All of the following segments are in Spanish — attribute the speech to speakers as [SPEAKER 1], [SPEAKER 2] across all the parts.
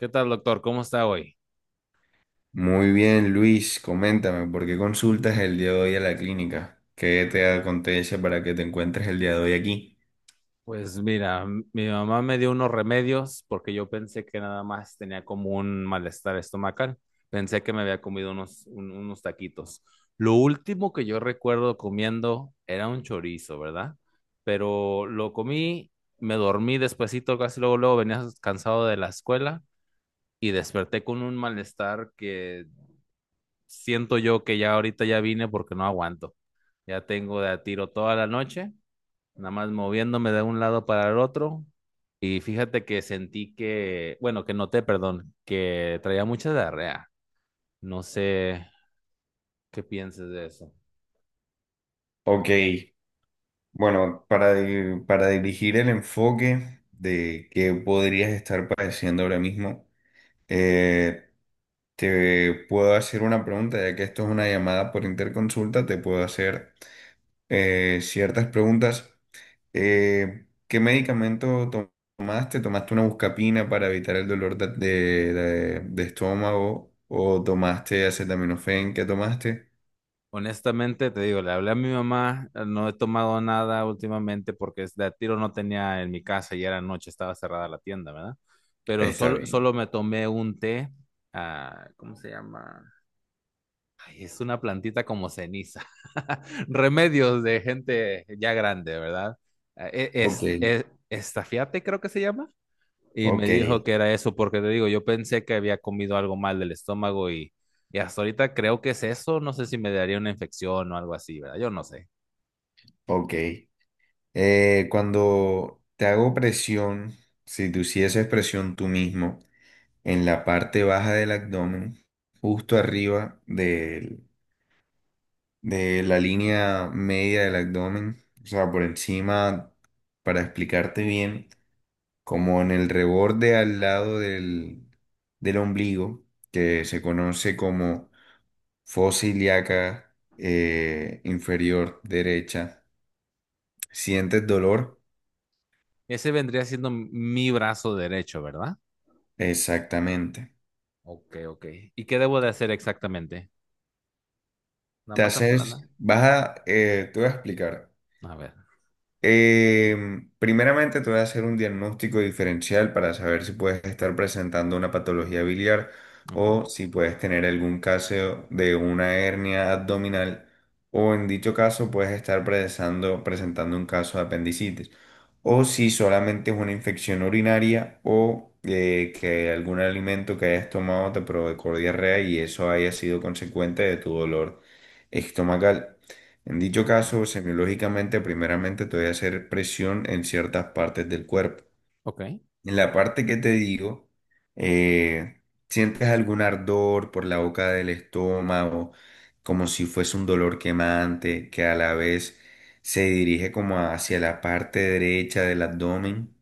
[SPEAKER 1] ¿Qué tal, doctor? ¿Cómo está hoy?
[SPEAKER 2] Muy bien, Luis, coméntame, ¿por qué consultas el día de hoy a la clínica? ¿Qué te acontece para que te encuentres el día de hoy aquí?
[SPEAKER 1] Pues mira, mi mamá me dio unos remedios porque yo pensé que nada más tenía como un malestar estomacal. Pensé que me había comido unos, unos taquitos. Lo último que yo recuerdo comiendo era un chorizo, ¿verdad? Pero lo comí, me dormí despuesito, casi luego, luego venía cansado de la escuela y desperté con un malestar que siento yo que ya ahorita ya vine porque no aguanto. Ya tengo de a tiro toda la noche nada más moviéndome de un lado para el otro. Y fíjate que sentí que, bueno, que noté, perdón, que traía mucha diarrea. No sé qué pienses de eso.
[SPEAKER 2] Ok, bueno, para dirigir el enfoque de qué podrías estar padeciendo ahora mismo, eh, te puedo hacer una pregunta, ya que esto es una llamada por interconsulta, te puedo hacer ciertas preguntas. ¿Qué tomaste? ¿Tomaste una buscapina para evitar el dolor de estómago? ¿O tomaste acetaminofén? ¿Qué tomaste?
[SPEAKER 1] Honestamente, te digo, le hablé a mi mamá, no he tomado nada últimamente porque es de a tiro no tenía en mi casa y era noche, estaba cerrada la tienda, ¿verdad? Pero
[SPEAKER 2] Está
[SPEAKER 1] solo,
[SPEAKER 2] bien.
[SPEAKER 1] solo me tomé un té, ah, ¿cómo se llama? Ay, es una plantita como ceniza. Remedios de gente ya grande, ¿verdad?
[SPEAKER 2] Ok,
[SPEAKER 1] Estafiate, creo que se llama. Y me
[SPEAKER 2] ok,
[SPEAKER 1] dijo que era eso, porque te digo, yo pensé que había comido algo mal del estómago y hasta ahorita creo que es eso. No sé si me daría una infección o algo así, ¿verdad? Yo no sé.
[SPEAKER 2] ok. Cuando te hago presión, si tú hicieses presión tú mismo en la parte baja del abdomen, justo arriba de la línea media del abdomen, o sea, por encima, para explicarte bien, como en el reborde del ombligo, que se conoce como fosa ilíaca inferior derecha. ¿Sientes dolor?
[SPEAKER 1] Ese vendría siendo mi brazo derecho, ¿verdad?
[SPEAKER 2] Exactamente.
[SPEAKER 1] Ok, ok. ¿Y qué debo de hacer exactamente? ¿Una masa plana?
[SPEAKER 2] Te voy a explicar.
[SPEAKER 1] A ver,
[SPEAKER 2] Eh, primeramente te voy a hacer un diagnóstico diferencial para saber si puedes estar presentando una patología biliar
[SPEAKER 1] ok.
[SPEAKER 2] o si puedes tener algún caso de una hernia abdominal o en dicho caso puedes estar presentando un caso de apendicitis o si solamente es una infección urinaria o que algún alimento que hayas tomado te provocó diarrea y eso haya sido consecuente de tu dolor estomacal. En dicho
[SPEAKER 1] Ok.
[SPEAKER 2] caso, semiológicamente, primeramente te voy a hacer presión en ciertas partes del cuerpo.
[SPEAKER 1] Ok.
[SPEAKER 2] En la parte que te digo, eh, sientes algún ardor por la boca del estómago, como si fuese un dolor quemante, que a la vez se dirige como hacia la parte derecha del abdomen,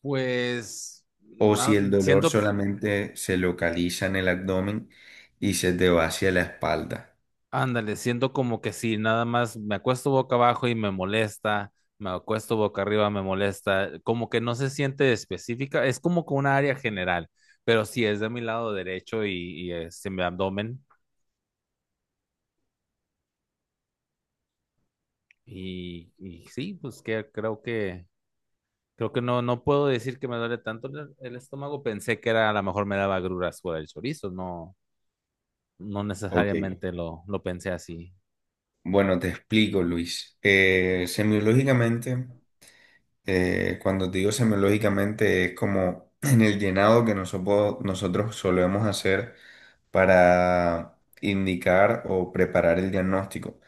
[SPEAKER 1] Pues
[SPEAKER 2] o si
[SPEAKER 1] no,
[SPEAKER 2] el dolor
[SPEAKER 1] siento que
[SPEAKER 2] solamente se localiza en el abdomen y se te va hacia la espalda.
[SPEAKER 1] ándale, siento como que sí nada más me acuesto boca abajo y me molesta, me acuesto boca arriba, me molesta, como que no se siente específica, es como que una área general, pero sí es de mi lado derecho y este, mi abdomen, y sí, pues que creo que, creo que no, no puedo decir que me duele tanto el estómago, pensé que era a lo mejor me daba agruras por el chorizo, no, no
[SPEAKER 2] Ok.
[SPEAKER 1] necesariamente lo pensé así.
[SPEAKER 2] Bueno, te explico, Luis. Semiológicamente. Cuando te digo semiológicamente es como en el llenado que nosotros solemos hacer para indicar o preparar el diagnóstico.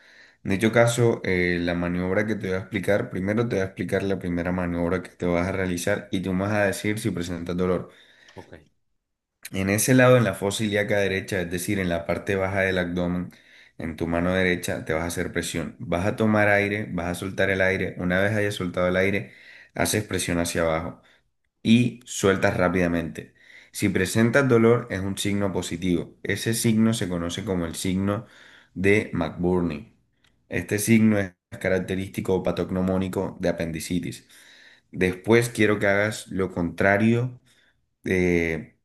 [SPEAKER 2] En dicho caso, la maniobra que te voy a explicar, primero te voy a explicar la primera maniobra que te vas a realizar y tú me vas a decir si presentas dolor.
[SPEAKER 1] Ok.
[SPEAKER 2] En ese lado, en la fosa ilíaca derecha, es decir, en la parte baja del abdomen, en tu mano derecha, te vas a hacer presión. Vas a tomar aire, vas a soltar el aire. Una vez hayas soltado el aire, haces presión hacia abajo y sueltas rápidamente. Si presentas dolor, es un signo positivo. Ese signo se conoce como el signo de McBurney. Este signo es característico o patognomónico de apendicitis. Después quiero que hagas lo contrario. eh,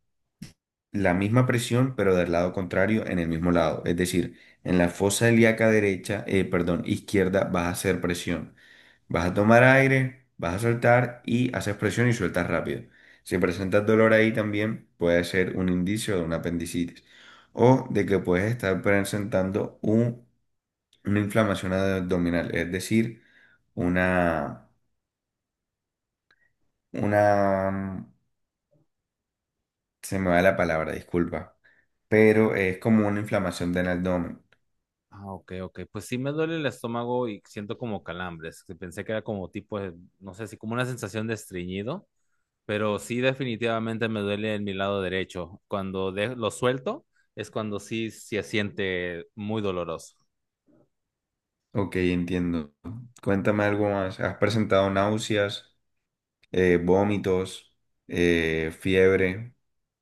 [SPEAKER 2] la misma presión, pero del lado contrario, en el mismo lado. Es decir, en la fosa ilíaca derecha, perdón, izquierda, vas a hacer presión. Vas a tomar aire, vas a soltar y haces presión y sueltas rápido. Si presentas dolor ahí también, puede ser un indicio de una apendicitis o de que puedes estar una inflamación abdominal, es decir, una, una, mm, se me va la palabra, disculpa, pero es como una inflamación del abdomen.
[SPEAKER 1] Ah, ok, ok. Pues sí me duele el estómago y siento como calambres. Que pensé que era como tipo, no sé si como una sensación de estreñido, pero sí definitivamente me duele en mi lado derecho. Cuando lo suelto es cuando sí se siente muy doloroso.
[SPEAKER 2] Ok, entiendo. Cuéntame algo más. ¿Has presentado náuseas, vómitos, fiebre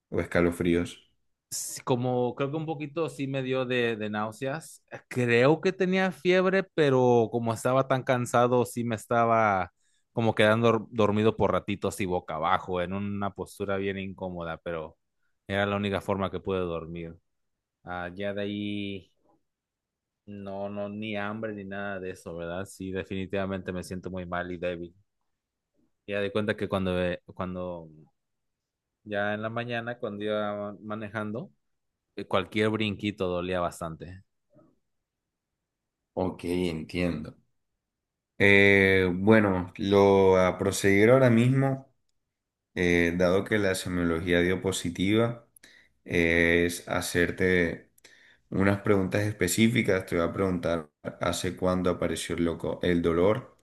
[SPEAKER 2] o escalofríos?
[SPEAKER 1] Sí, como creo que un poquito sí me dio de náuseas. Creo que tenía fiebre, pero como estaba tan cansado, sí me estaba como quedando dormido por ratitos y boca abajo, en una postura bien incómoda, pero era la única forma que pude dormir. Ah, ya de ahí, no, no, ni hambre ni nada de eso, ¿verdad? Sí, definitivamente me siento muy mal y débil. Ya di cuenta que cuando, cuando ya en la mañana, cuando iba manejando, cualquier brinquito dolía bastante.
[SPEAKER 2] Ok, entiendo. Bueno, lo a proseguir ahora mismo. Dado que la semiología dio positiva, es hacerte unas preguntas específicas. Te voy a preguntar hace cuándo apareció el dolor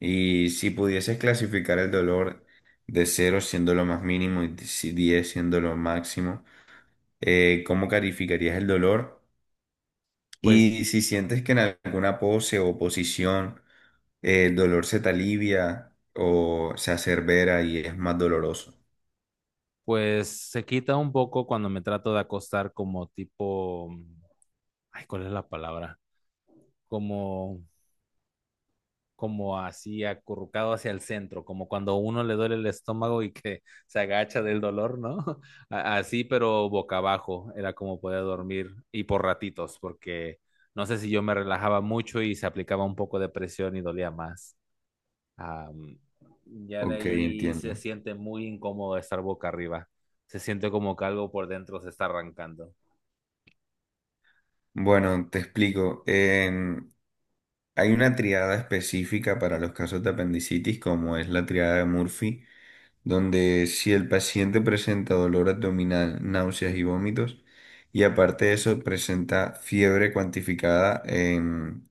[SPEAKER 2] y si pudieses clasificar el dolor de 0 siendo lo más mínimo y si 10 siendo lo máximo, ¿cómo calificarías el dolor?
[SPEAKER 1] Pues,
[SPEAKER 2] Y si
[SPEAKER 1] ok.
[SPEAKER 2] sientes que en alguna pose o posición el dolor se te alivia o se acerbera y es más doloroso.
[SPEAKER 1] Pues se quita un poco cuando me trato de acostar como tipo, ay, ¿cuál es la palabra? Como, como así acurrucado hacia el centro, como cuando a uno le duele el estómago y que se agacha del dolor, ¿no? Así, pero boca abajo, era como podía dormir y por ratitos, porque no sé si yo me relajaba mucho y se aplicaba un poco de presión y dolía más. Am, ya de
[SPEAKER 2] Ok,
[SPEAKER 1] ahí se
[SPEAKER 2] entiendo.
[SPEAKER 1] siente muy incómodo estar boca arriba. Se siente como que algo por dentro se está arrancando.
[SPEAKER 2] Bueno, te explico. Hay una triada específica para los casos de apendicitis, como es la triada de Murphy, donde si el paciente presenta dolor abdominal, náuseas y vómitos, y aparte de eso presenta fiebre cuantificada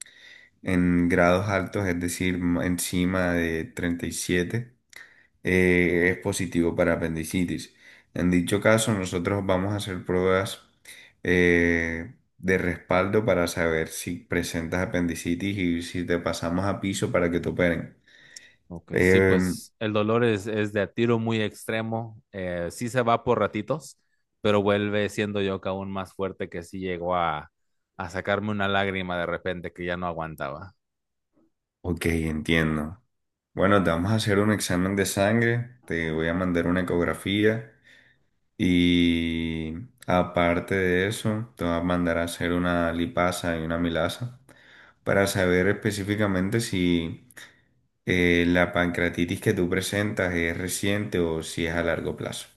[SPEAKER 2] en grados altos, es decir, encima de 37 es positivo para apendicitis. En dicho caso, nosotros vamos a hacer pruebas de respaldo para saber si presentas apendicitis y si te pasamos a piso para que te operen.
[SPEAKER 1] Ok, sí,
[SPEAKER 2] Em,
[SPEAKER 1] pues el dolor es de a tiro muy extremo. Sí se va por ratitos, pero vuelve siendo yo que aún más fuerte que sí llegó a sacarme una lágrima de repente que ya no aguantaba.
[SPEAKER 2] ok, entiendo. Bueno, te vamos a hacer un examen de sangre, te voy a mandar una ecografía y aparte de eso, te voy a mandar a hacer una lipasa y una milasa para saber específicamente si la pancreatitis que tú presentas es reciente o si es a largo plazo.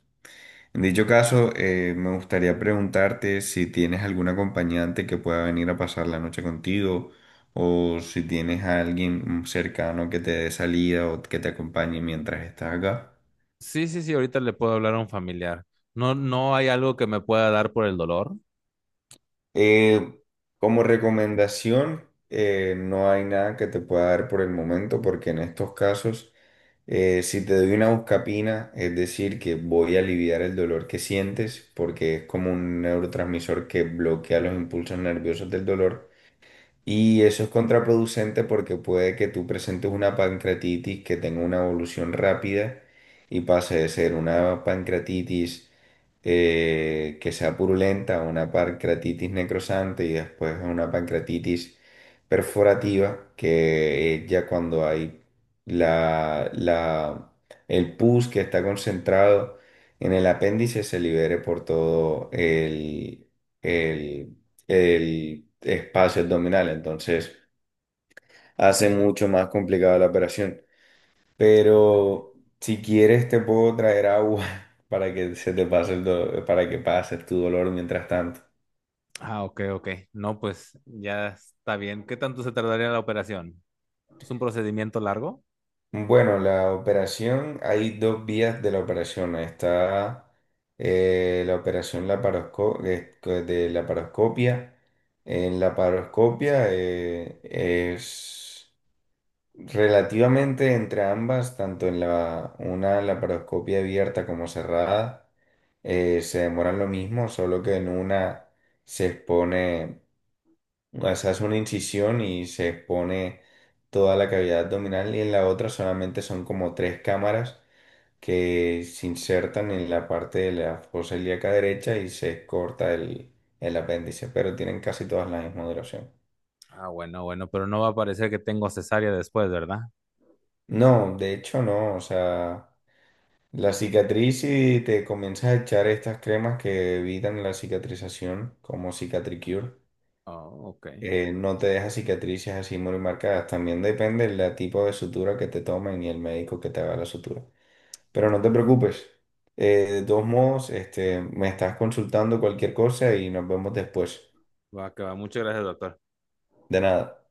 [SPEAKER 2] En dicho caso, me gustaría preguntarte si tienes algún acompañante que pueda venir a pasar la noche contigo o si tienes a alguien cercano que te dé salida o que te acompañe mientras estás acá.
[SPEAKER 1] Sí, sí, sí, ahorita le puedo hablar a un familiar. No, no hay algo que me pueda dar por el dolor.
[SPEAKER 2] Eh, como recomendación, no hay nada que te pueda dar por el momento, porque en estos casos, si te doy una buscapina, es decir, que voy a aliviar el dolor que sientes, porque es como un neurotransmisor que bloquea los impulsos nerviosos del dolor. Y eso es contraproducente porque puede que tú presentes una pancreatitis que tenga una evolución rápida y pase de ser una pancreatitis que sea purulenta a una pancreatitis necrosante y después a una pancreatitis perforativa, que es ya cuando hay la, la- el pus que está concentrado en el apéndice se libere por todo el espacio abdominal, entonces hace mucho más complicada la operación.
[SPEAKER 1] Ok.
[SPEAKER 2] Pero si quieres te puedo traer agua para que se te pase para que pases tu dolor mientras tanto.
[SPEAKER 1] Ah, ok, ok. No, pues ya está bien. ¿Qué tanto se tardaría la operación? ¿Es un procedimiento largo?
[SPEAKER 2] Bueno, la operación, hay dos vías de la operación. Está la operación de laparoscopia. En la laparoscopia es relativamente entre ambas, tanto en la una laparoscopia abierta como cerrada, se demoran lo mismo, solo que en una se expone, o sea, hace una incisión y se expone toda la cavidad abdominal y en la otra solamente son como tres cámaras que se insertan en la parte de la fosa ilíaca derecha y se corta el apéndice, pero tienen casi todas la misma duración.
[SPEAKER 1] Ah, bueno, bueno, pero no va a parecer que tengo cesárea después, ¿verdad?
[SPEAKER 2] No, de hecho no, o sea... La cicatriz y te comienzas a echar estas cremas que evitan la cicatrización, como Cicatricure,
[SPEAKER 1] Ah, ok.
[SPEAKER 2] no te deja cicatrices así muy marcadas. También depende del tipo de sutura que te tomen y el médico que te haga la sutura. Pero no te
[SPEAKER 1] Entiendo.
[SPEAKER 2] preocupes. De todos modos, este, me estás consultando cualquier cosa y nos vemos después.
[SPEAKER 1] Va, que va. Muchas gracias, doctor.
[SPEAKER 2] De nada.